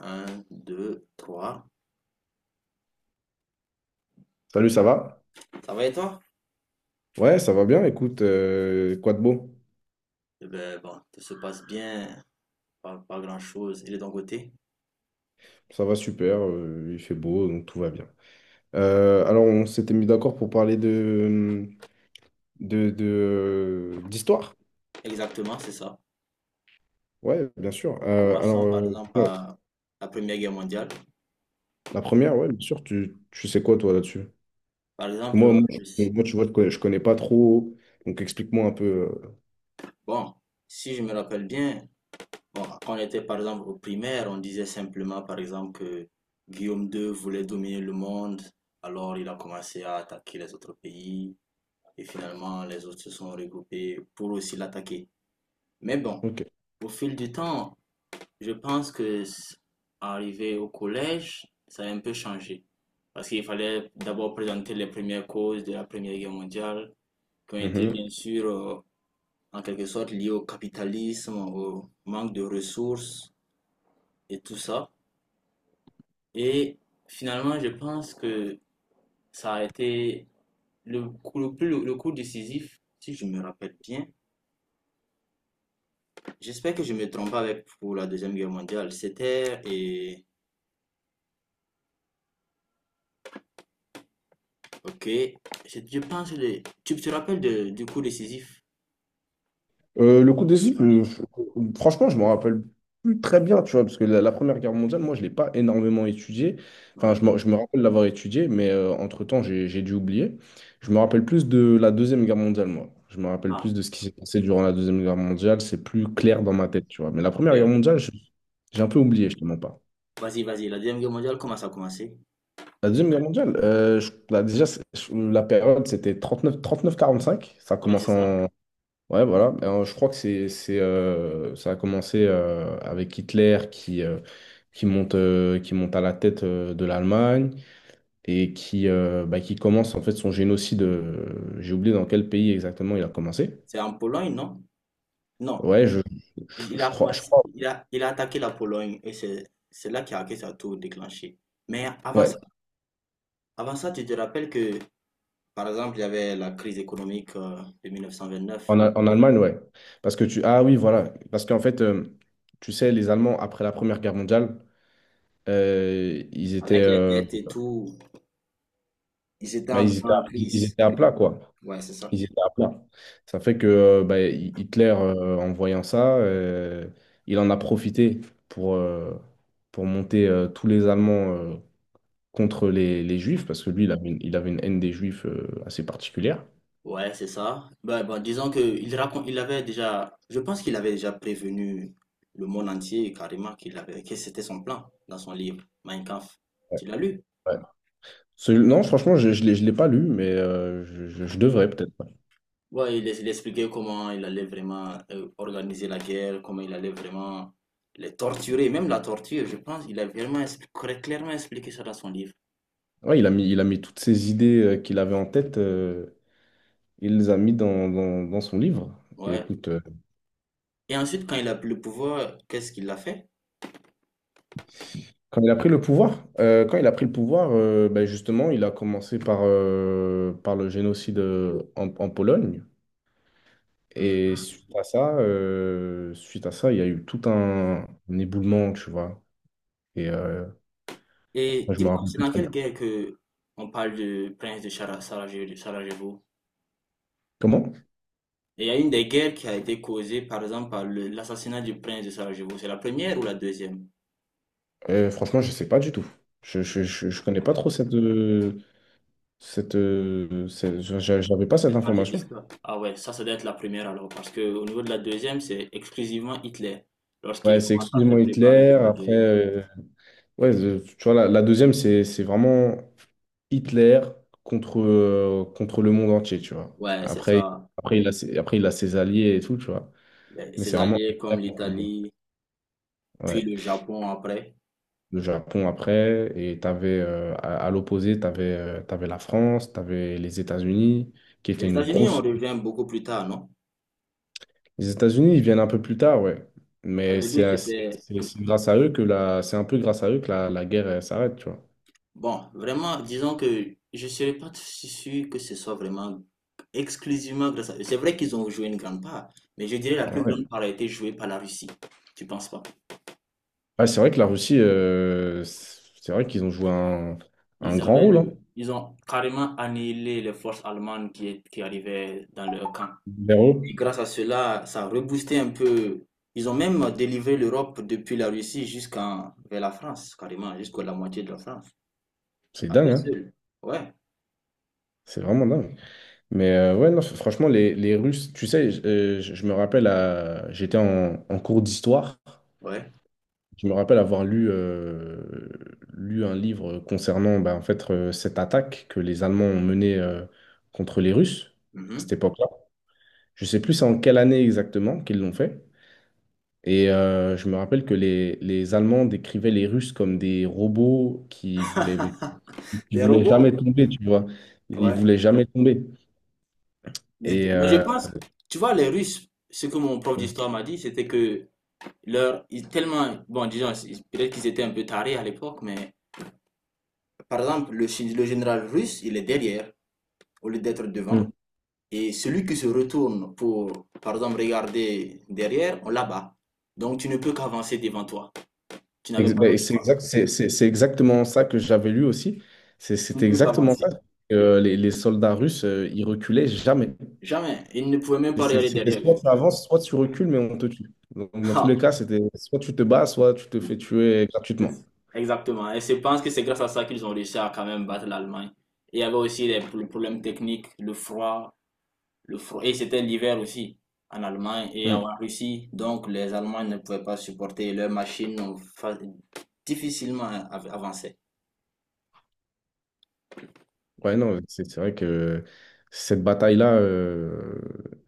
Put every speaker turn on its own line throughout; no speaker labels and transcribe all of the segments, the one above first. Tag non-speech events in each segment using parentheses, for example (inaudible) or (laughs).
Un, deux, trois.
Salut, ça va?
Ça va et toi?
Ouais, ça va bien. Écoute, quoi de beau?
Eh ben, bon, tout se passe bien, pas grand-chose. Il est de ton côté?
Ça va super, il fait beau, donc tout va bien. Alors, on s'était mis d'accord pour parler d'histoire.
Exactement, c'est ça.
Ouais, bien sûr. Alors,
Commençons par exemple
bon,
par la Première Guerre mondiale.
la première, ouais, bien sûr, tu sais quoi, toi, là-dessus?
Par
Parce que
exemple,
moi, tu vois, je connais pas trop, donc explique-moi un peu.
bon, si je me rappelle bien, bon, quand on était par exemple au primaire, on disait simplement par exemple que Guillaume II voulait dominer le monde, alors il a commencé à attaquer les autres pays, et finalement les autres se sont regroupés pour aussi l'attaquer. Mais bon, au fil du temps, je pense que arrivé au collège, ça a un peu changé. Parce qu'il fallait d'abord présenter les premières causes de la Première Guerre mondiale, qui ont été
Ok.
bien sûr en quelque sorte liées au capitalisme, au manque de ressources et tout ça. Et finalement, je pense que ça a été le coup, le coup décisif, si je me rappelle bien. J'espère que je ne me trompe pas avec pour la Deuxième Guerre mondiale. C'était et Ok, je pense le. Tu te rappelles du coup décisif
Le coup
du
d'essai,
match?
franchement, je me rappelle plus très bien, tu vois, parce que la Première Guerre mondiale, moi, je ne l'ai pas énormément étudiée. Enfin,
Ouais.
je me rappelle l'avoir étudiée, mais entre-temps, j'ai dû oublier. Je me rappelle plus de la Deuxième Guerre mondiale, moi. Je me rappelle
Ah,
plus de ce qui s'est passé durant la Deuxième Guerre mondiale. C'est plus clair dans ma tête, tu vois. Mais la Première
mais
Guerre
ouais.
mondiale, j'ai un peu oublié, je te mens pas.
Vas-y, vas-y. La Deuxième Guerre mondiale, comment ça a commencé?
La Deuxième Guerre mondiale, bah, déjà, la période, c'était 39, 39-45. Ça a
Oui, c'est
commencé
ça.
en. Ouais, voilà. Je crois que ça a commencé avec Hitler qui monte à la tête de l'Allemagne et bah, qui commence en fait son génocide. J'ai oublié dans quel pays exactement il a commencé.
C'est en Pologne, non? Non.
Ouais,
Il il a
je
commencé,
crois.
il a attaqué la Pologne et c'est là qu'il a que ça a tout déclenché. Mais avant ça,
Ouais,
avant ça, tu te rappelles que, par exemple, il y avait la crise économique de 1929.
en Allemagne, ouais. Parce que tu, ah oui, voilà. Parce qu'en fait, tu sais, les Allemands après la Première Guerre mondiale, ils étaient,
Avec les dettes et tout, ils étaient
bah,
en grande
ils
crise.
étaient à plat, quoi.
Ouais, c'est ça.
Ils étaient à plat. Ça fait que bah, Hitler, en voyant ça, il en a profité pour, euh, pour monter tous les Allemands contre les Juifs, parce que lui, il avait une haine des Juifs assez particulière.
Ouais, c'est ça. Bah, bah, disons que il raconte, il avait déjà, je pense qu'il avait déjà prévenu le monde entier carrément qu'il avait, que c'était son plan dans son livre Mein Kampf. Tu l'as lu?
Ouais. Non, franchement, je l'ai pas lu, mais je devrais peut-être. Ouais.
Ouais, il expliquait comment il allait vraiment organiser la guerre, comment il allait vraiment les torturer, même la torture, je pense. Il a vraiment clairement expliqué ça dans son livre.
Ouais, il a mis toutes ces idées qu'il avait en tête, il les a mis dans son livre. Et
Ouais.
écoute.
Et ensuite, quand il a pris le pouvoir, qu'est-ce qu'il a fait?
Quand il a pris le pouvoir, ben justement, il a commencé par le génocide en Pologne.
Hmm.
Et suite à ça, il y a eu tout un éboulement, tu vois. Et
Et
moi, je me
dis-moi,
rappelle
c'est
plus
dans
très bien.
quelle guerre que on parle du prince de Sarajevo? Sarajevo.
Comment?
Et il y a une des guerres qui a été causée, par exemple, par l'assassinat du prince de Sarajevo. C'est la première ou la deuxième?
Franchement, je sais pas du tout. Je connais pas trop j'avais pas cette
Cette partie de
information.
l'histoire. Ah ouais, ça doit être la première alors, parce que au niveau de la deuxième, c'est exclusivement Hitler,
Ouais,
lorsqu'il
c'est
commence à se
exclusivement
préparer
Hitler.
pour la
Après,
guerre.
ouais, tu vois, la deuxième, c'est vraiment Hitler contre le monde entier, tu vois.
Ouais, c'est
Après,
ça.
après, il a ses, après, il a ses alliés et tout, tu vois. Mais
Ses
c'est vraiment
alliés
Hitler
comme
contre le monde.
l'Italie, puis
Ouais.
le Japon après.
Le Japon après, et à l'opposé, t'avais la France, t'avais les États-Unis, qui étaient
Les
une
États-Unis, on
grosse.
revient beaucoup plus tard, non?
Les États-Unis, ils viennent un peu plus tard, ouais.
Au
Mais c'est
début,
assez-
c'était.
c'est grâce à eux que la. C'est un peu grâce à eux que la guerre elle s'arrête, tu vois.
Bon, vraiment, disons que je ne serais pas si sûr que ce soit vraiment exclusivement grâce à eux. C'est vrai qu'ils ont joué une grande part, mais je dirais la
Ouais.
plus
Ouais,
grande part a été jouée par la Russie. Tu penses pas?
ah, c'est vrai que la Russie, c'est vrai qu'ils ont joué un grand rôle, hein,
Ils ont carrément annihilé les forces allemandes qui arrivaient dans leur camp.
vers eux.
Et grâce à cela, ça a reboosté un peu. Ils ont même délivré l'Europe depuis la Russie jusqu'en, vers la France, carrément, jusqu'à la moitié de la France.
C'est
À
dingue,
eux
hein?
seuls. Ouais,
C'est vraiment dingue. Mais ouais, non, franchement, les Russes, tu sais, je me rappelle, j'étais en cours d'histoire,
ouais.
je me rappelle avoir lu un livre concernant bah, en fait, cette attaque que les Allemands ont menée contre les Russes à cette
Mhm.
époque-là. Je sais plus c'est en quelle année exactement qu'ils l'ont fait. Et je me rappelle que les Allemands décrivaient les Russes comme des robots qui
Des
voulaient
robots.
jamais tomber, tu vois. Ils
Ouais.
voulaient jamais tomber. Et,
Mais je
euh,
pense, tu vois, les Russes, ce que mon prof
Mm.
d'histoire m'a dit, c'était que ils tellement, bon, disons, peut-être qu'ils étaient un peu tarés à l'époque, mais par exemple, le général russe, il est derrière, au lieu d'être
Mm.
devant. Et celui qui se retourne pour, par exemple, regarder derrière, on l'abat. Donc, tu ne peux qu'avancer devant toi. Tu n'avais pas
Ben,
d'autre
c'est
choix.
exact, c'est exactement ça que j'avais lu aussi.
Tu ne
C'était
peux
exactement ça.
qu'avancer.
Les soldats russes, ils reculaient jamais.
Jamais. Ils ne pouvaient même pas regarder
C'était
derrière
soit
eux.
tu avances, soit tu recules, mais on te tue. Donc, dans tous les
(laughs)
cas, c'était soit tu te bats, soit tu te fais tuer
C'est-
gratuitement.
Exactement. Et je pense que c'est grâce à ça qu'ils ont réussi à quand même battre l'Allemagne. Et il y avait aussi les problèmes techniques, le froid, le froid. Et c'était l'hiver aussi en Allemagne et en
Mm.
Russie. Donc les Allemands ne pouvaient pas supporter leurs machines ont difficilement avancé.
Ouais, non, c'est vrai que cette bataille-là,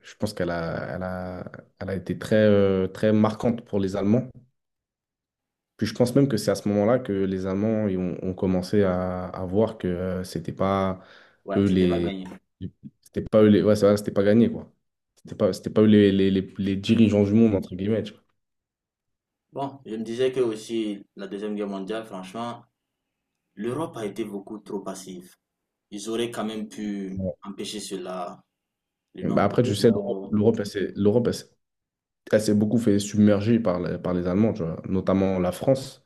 je pense qu'elle a, elle a, elle a été très, très marquante pour les Allemands. Puis je pense même que c'est à ce moment-là que les Allemands ils ont commencé à voir que c'était pas
Ouais,
eux
c'était pas gagné.
les- c'était pas eux les, ouais, c'est vrai, c'était pas gagné quoi. C'était pas eux les dirigeants du monde entre guillemets, tu
Bon, je me disais que aussi la Deuxième Guerre mondiale, franchement, l'Europe a été beaucoup trop passive. Ils auraient quand même pu
vois.
empêcher cela, le
Ouais. Bah
nombre
après
de
tu sais l'Europe
morts.
l'Europe elle s'est elle s'est beaucoup fait submerger par par les Allemands, tu vois, notamment la France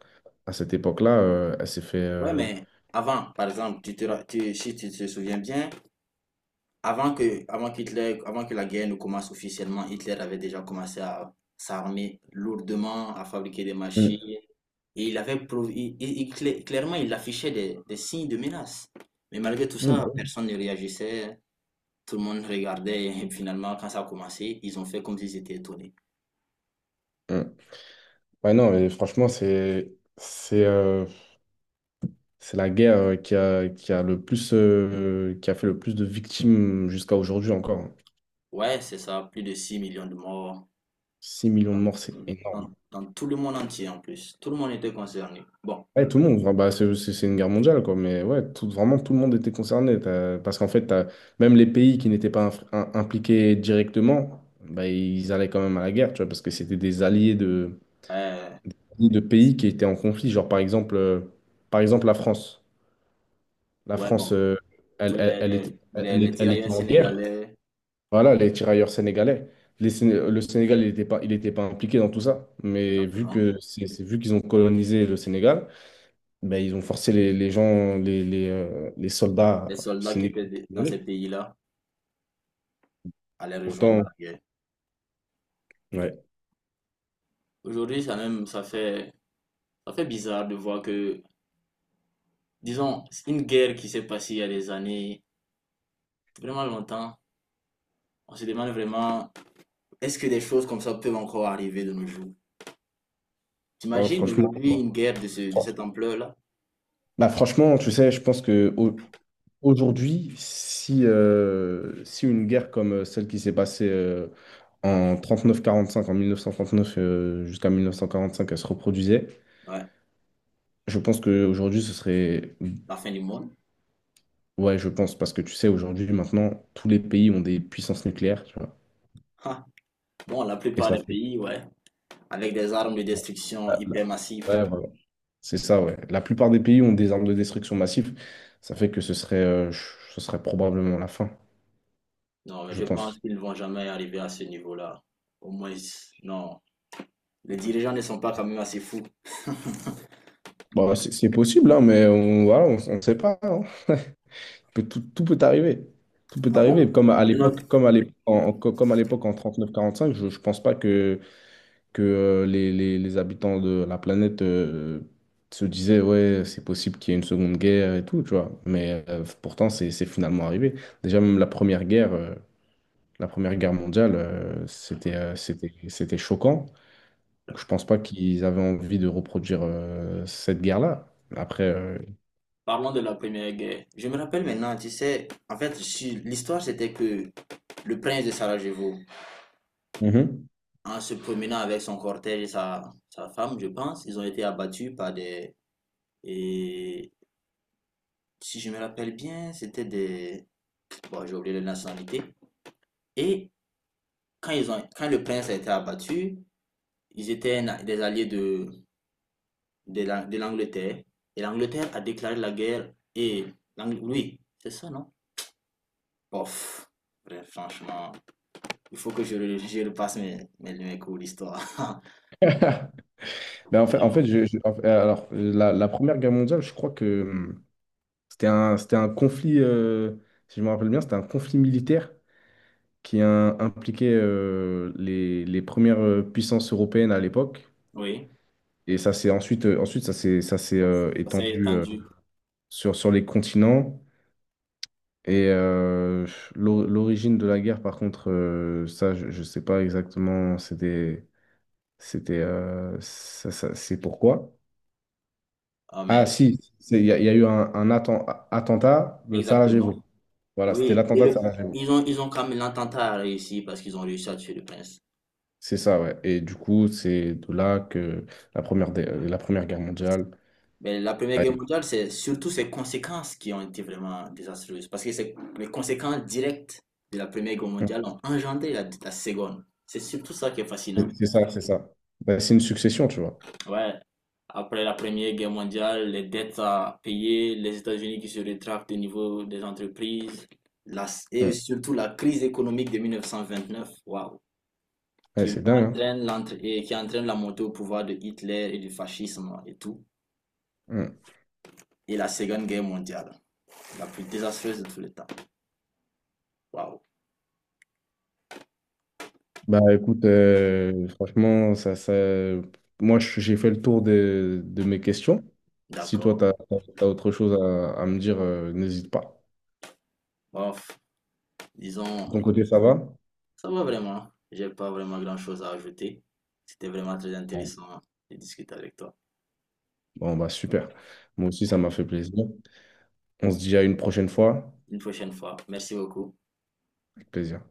à cette époque-là, elle s'est fait
Ouais,
euh,
mais avant, par exemple, tu te, ra- tu- si tu te souviens bien, avant que la guerre ne commence officiellement, Hitler avait déjà commencé à s'armer lourdement, à fabriquer des machines.
Mm.
Et il avait clairement, il affichait des signes de menace. Mais malgré tout
Mm, bah
ça,
oui.
personne ne réagissait. Tout le monde regardait. Et (laughs) finalement, quand ça a commencé, ils ont fait comme s'ils étaient étonnés.
Mm. Ouais, non, et franchement, c'est la guerre qui a le plus, qui a fait le plus de victimes jusqu'à aujourd'hui encore.
Ouais, c'est ça. Plus de 6 millions de morts
6 millions de
dans,
morts, c'est énorme.
dans tout le monde entier en plus. Tout le monde était concerné. Bon.
Ouais, tout le monde, enfin, bah, c'est une guerre mondiale, quoi. Mais ouais, tout, vraiment, tout le monde était concerné. Parce qu'en fait, même les pays qui n'étaient pas impliqués directement, bah, ils allaient quand même à la guerre, tu vois, parce que c'était des alliés
Euh,
de pays qui étaient en conflit. Genre, par exemple, la France. La
ouais,
France,
bon, tous les
elle était
tirailleurs
en guerre.
sénégalais,
Voilà, les tirailleurs sénégalais. Le Sénégal, il était pas impliqué dans tout ça. Mais vu
exactement,
que c'est- vu qu'ils ont colonisé le Sénégal, ben, ils ont forcé les gens, les
les
soldats
soldats qui étaient
sénégalais à y
dans ces
aller.
pays-là allaient rejoindre la
Pourtant,
guerre.
ouais.
Aujourd'hui, ça même, ça fait, bizarre de voir que, disons, c'est une guerre qui s'est passée il y a des années, vraiment longtemps, on se demande vraiment, est-ce que des choses comme ça peuvent encore arriver de nos jours?
Alors,
T'imagines
franchement,
aujourd'hui une guerre de cette ampleur-là?
bah, franchement, tu sais, je pense que aujourd'hui, si une guerre comme celle qui s'est passée en 39-45, en 1939 jusqu'à 1945, elle se reproduisait,
Ouais,
je pense qu'aujourd'hui, ce serait.
la fin du monde.
Ouais, je pense, parce que tu sais, aujourd'hui, maintenant, tous les pays ont des puissances nucléaires, tu vois.
Ha. Bon, la
Et
plupart
ça
des
fait.
pays, ouais, avec des armes de destruction
Ah, là.
hyper massives.
Ouais, voilà. C'est ça, ouais. La plupart des pays ont des armes de destruction massive. Ça fait que ce serait probablement la fin,
Non, mais
je
je pense
pense.
qu'ils ne vont jamais arriver à ce niveau-là. Au moins, non. Les dirigeants ne sont pas quand même assez fous.
Bon, c'est possible, hein, mais voilà, on sait pas, hein. Peut- Tout, tout peut arriver. Tout peut
Ah
arriver.
bon? Une autre-
Comme à l'époque en 39-45, je pense pas que que les habitants de la planète se disaient, ouais, c'est possible qu'il y ait une seconde guerre et tout, tu vois. Mais pourtant, c'est finalement arrivé. Déjà, même la première guerre mondiale, c'était choquant. Donc, je pense pas qu'ils avaient envie de reproduire cette guerre-là. Après.
Parlons de la Première Guerre. Je me rappelle maintenant, tu sais, en fait, l'histoire c'était que le prince de Sarajevo,
Mhm.
en se promenant avec son cortège et sa femme, je pense, ils ont été abattus par des. Et si je me rappelle bien, c'était des. Bon, j'ai oublié la nationalité. Et quand le prince a été abattu, ils étaient des alliés de l'Angleterre. Et l'Angleterre a déclaré la guerre. Et oui, c'est ça, non? Bof. Bref, franchement, il faut que je repasse mes cours d'histoire. (laughs)
(laughs) Ben, en
Mais
fait,
bon,
en fait, alors, la Première Guerre mondiale, je crois que c'était un conflit, si je me rappelle bien, c'était un conflit militaire qui a impliqué les premières puissances européennes à l'époque.
oui,
Et ça s'est ensuite, ensuite ça s'est
ça ça s'est
étendu
étendu.
sur les continents. Et l'origine de la guerre, par contre, ça, je ne sais pas exactement. C'est pourquoi.
Ah,
Ah,
mais
si, il y a eu un attentat de Sarajevo.
exactement.
Voilà, c'était
Oui, et
l'attentat de
le,
Sarajevo.
ils ont quand même l'attentat a réussi parce qu'ils ont réussi à tuer le prince.
C'est ça, ouais. Et du coup, c'est de là que la première guerre mondiale.
Mais la Première Guerre mondiale, c'est surtout ses conséquences qui ont été vraiment désastreuses. Parce que c'est les conséquences directes de la Première Guerre
Mm.
mondiale ont engendré la Seconde. C'est surtout ça qui est fascinant.
C'est ça, c'est ça. Bah, c'est une succession, tu vois.
Ouais. Après la Première Guerre mondiale, les dettes à payer, les États-Unis qui se rétractent au niveau des entreprises, la- et
Mm.
surtout la crise économique de 1929, waouh,
Ouais,
qui
c'est dingue,
entraîne l'entrée, et qui entraîne la montée au pouvoir de Hitler et du fascisme et tout,
hein. Mm.
et la Seconde Guerre mondiale, la plus désastreuse de tous les temps. Waouh,
Bah écoute, franchement, moi j'ai fait le tour de mes questions. Si toi, tu
d'accord.
as autre chose à me dire, n'hésite pas.
Bof,
De
disons,
ton côté, ça va?
ça va vraiment. J'ai pas vraiment grand-chose à ajouter. C'était vraiment très
Bon,
intéressant de discuter avec toi.
Bon, bah super. Moi aussi, ça m'a fait plaisir. On se dit à une prochaine fois.
Une prochaine fois. Merci beaucoup.
Avec plaisir.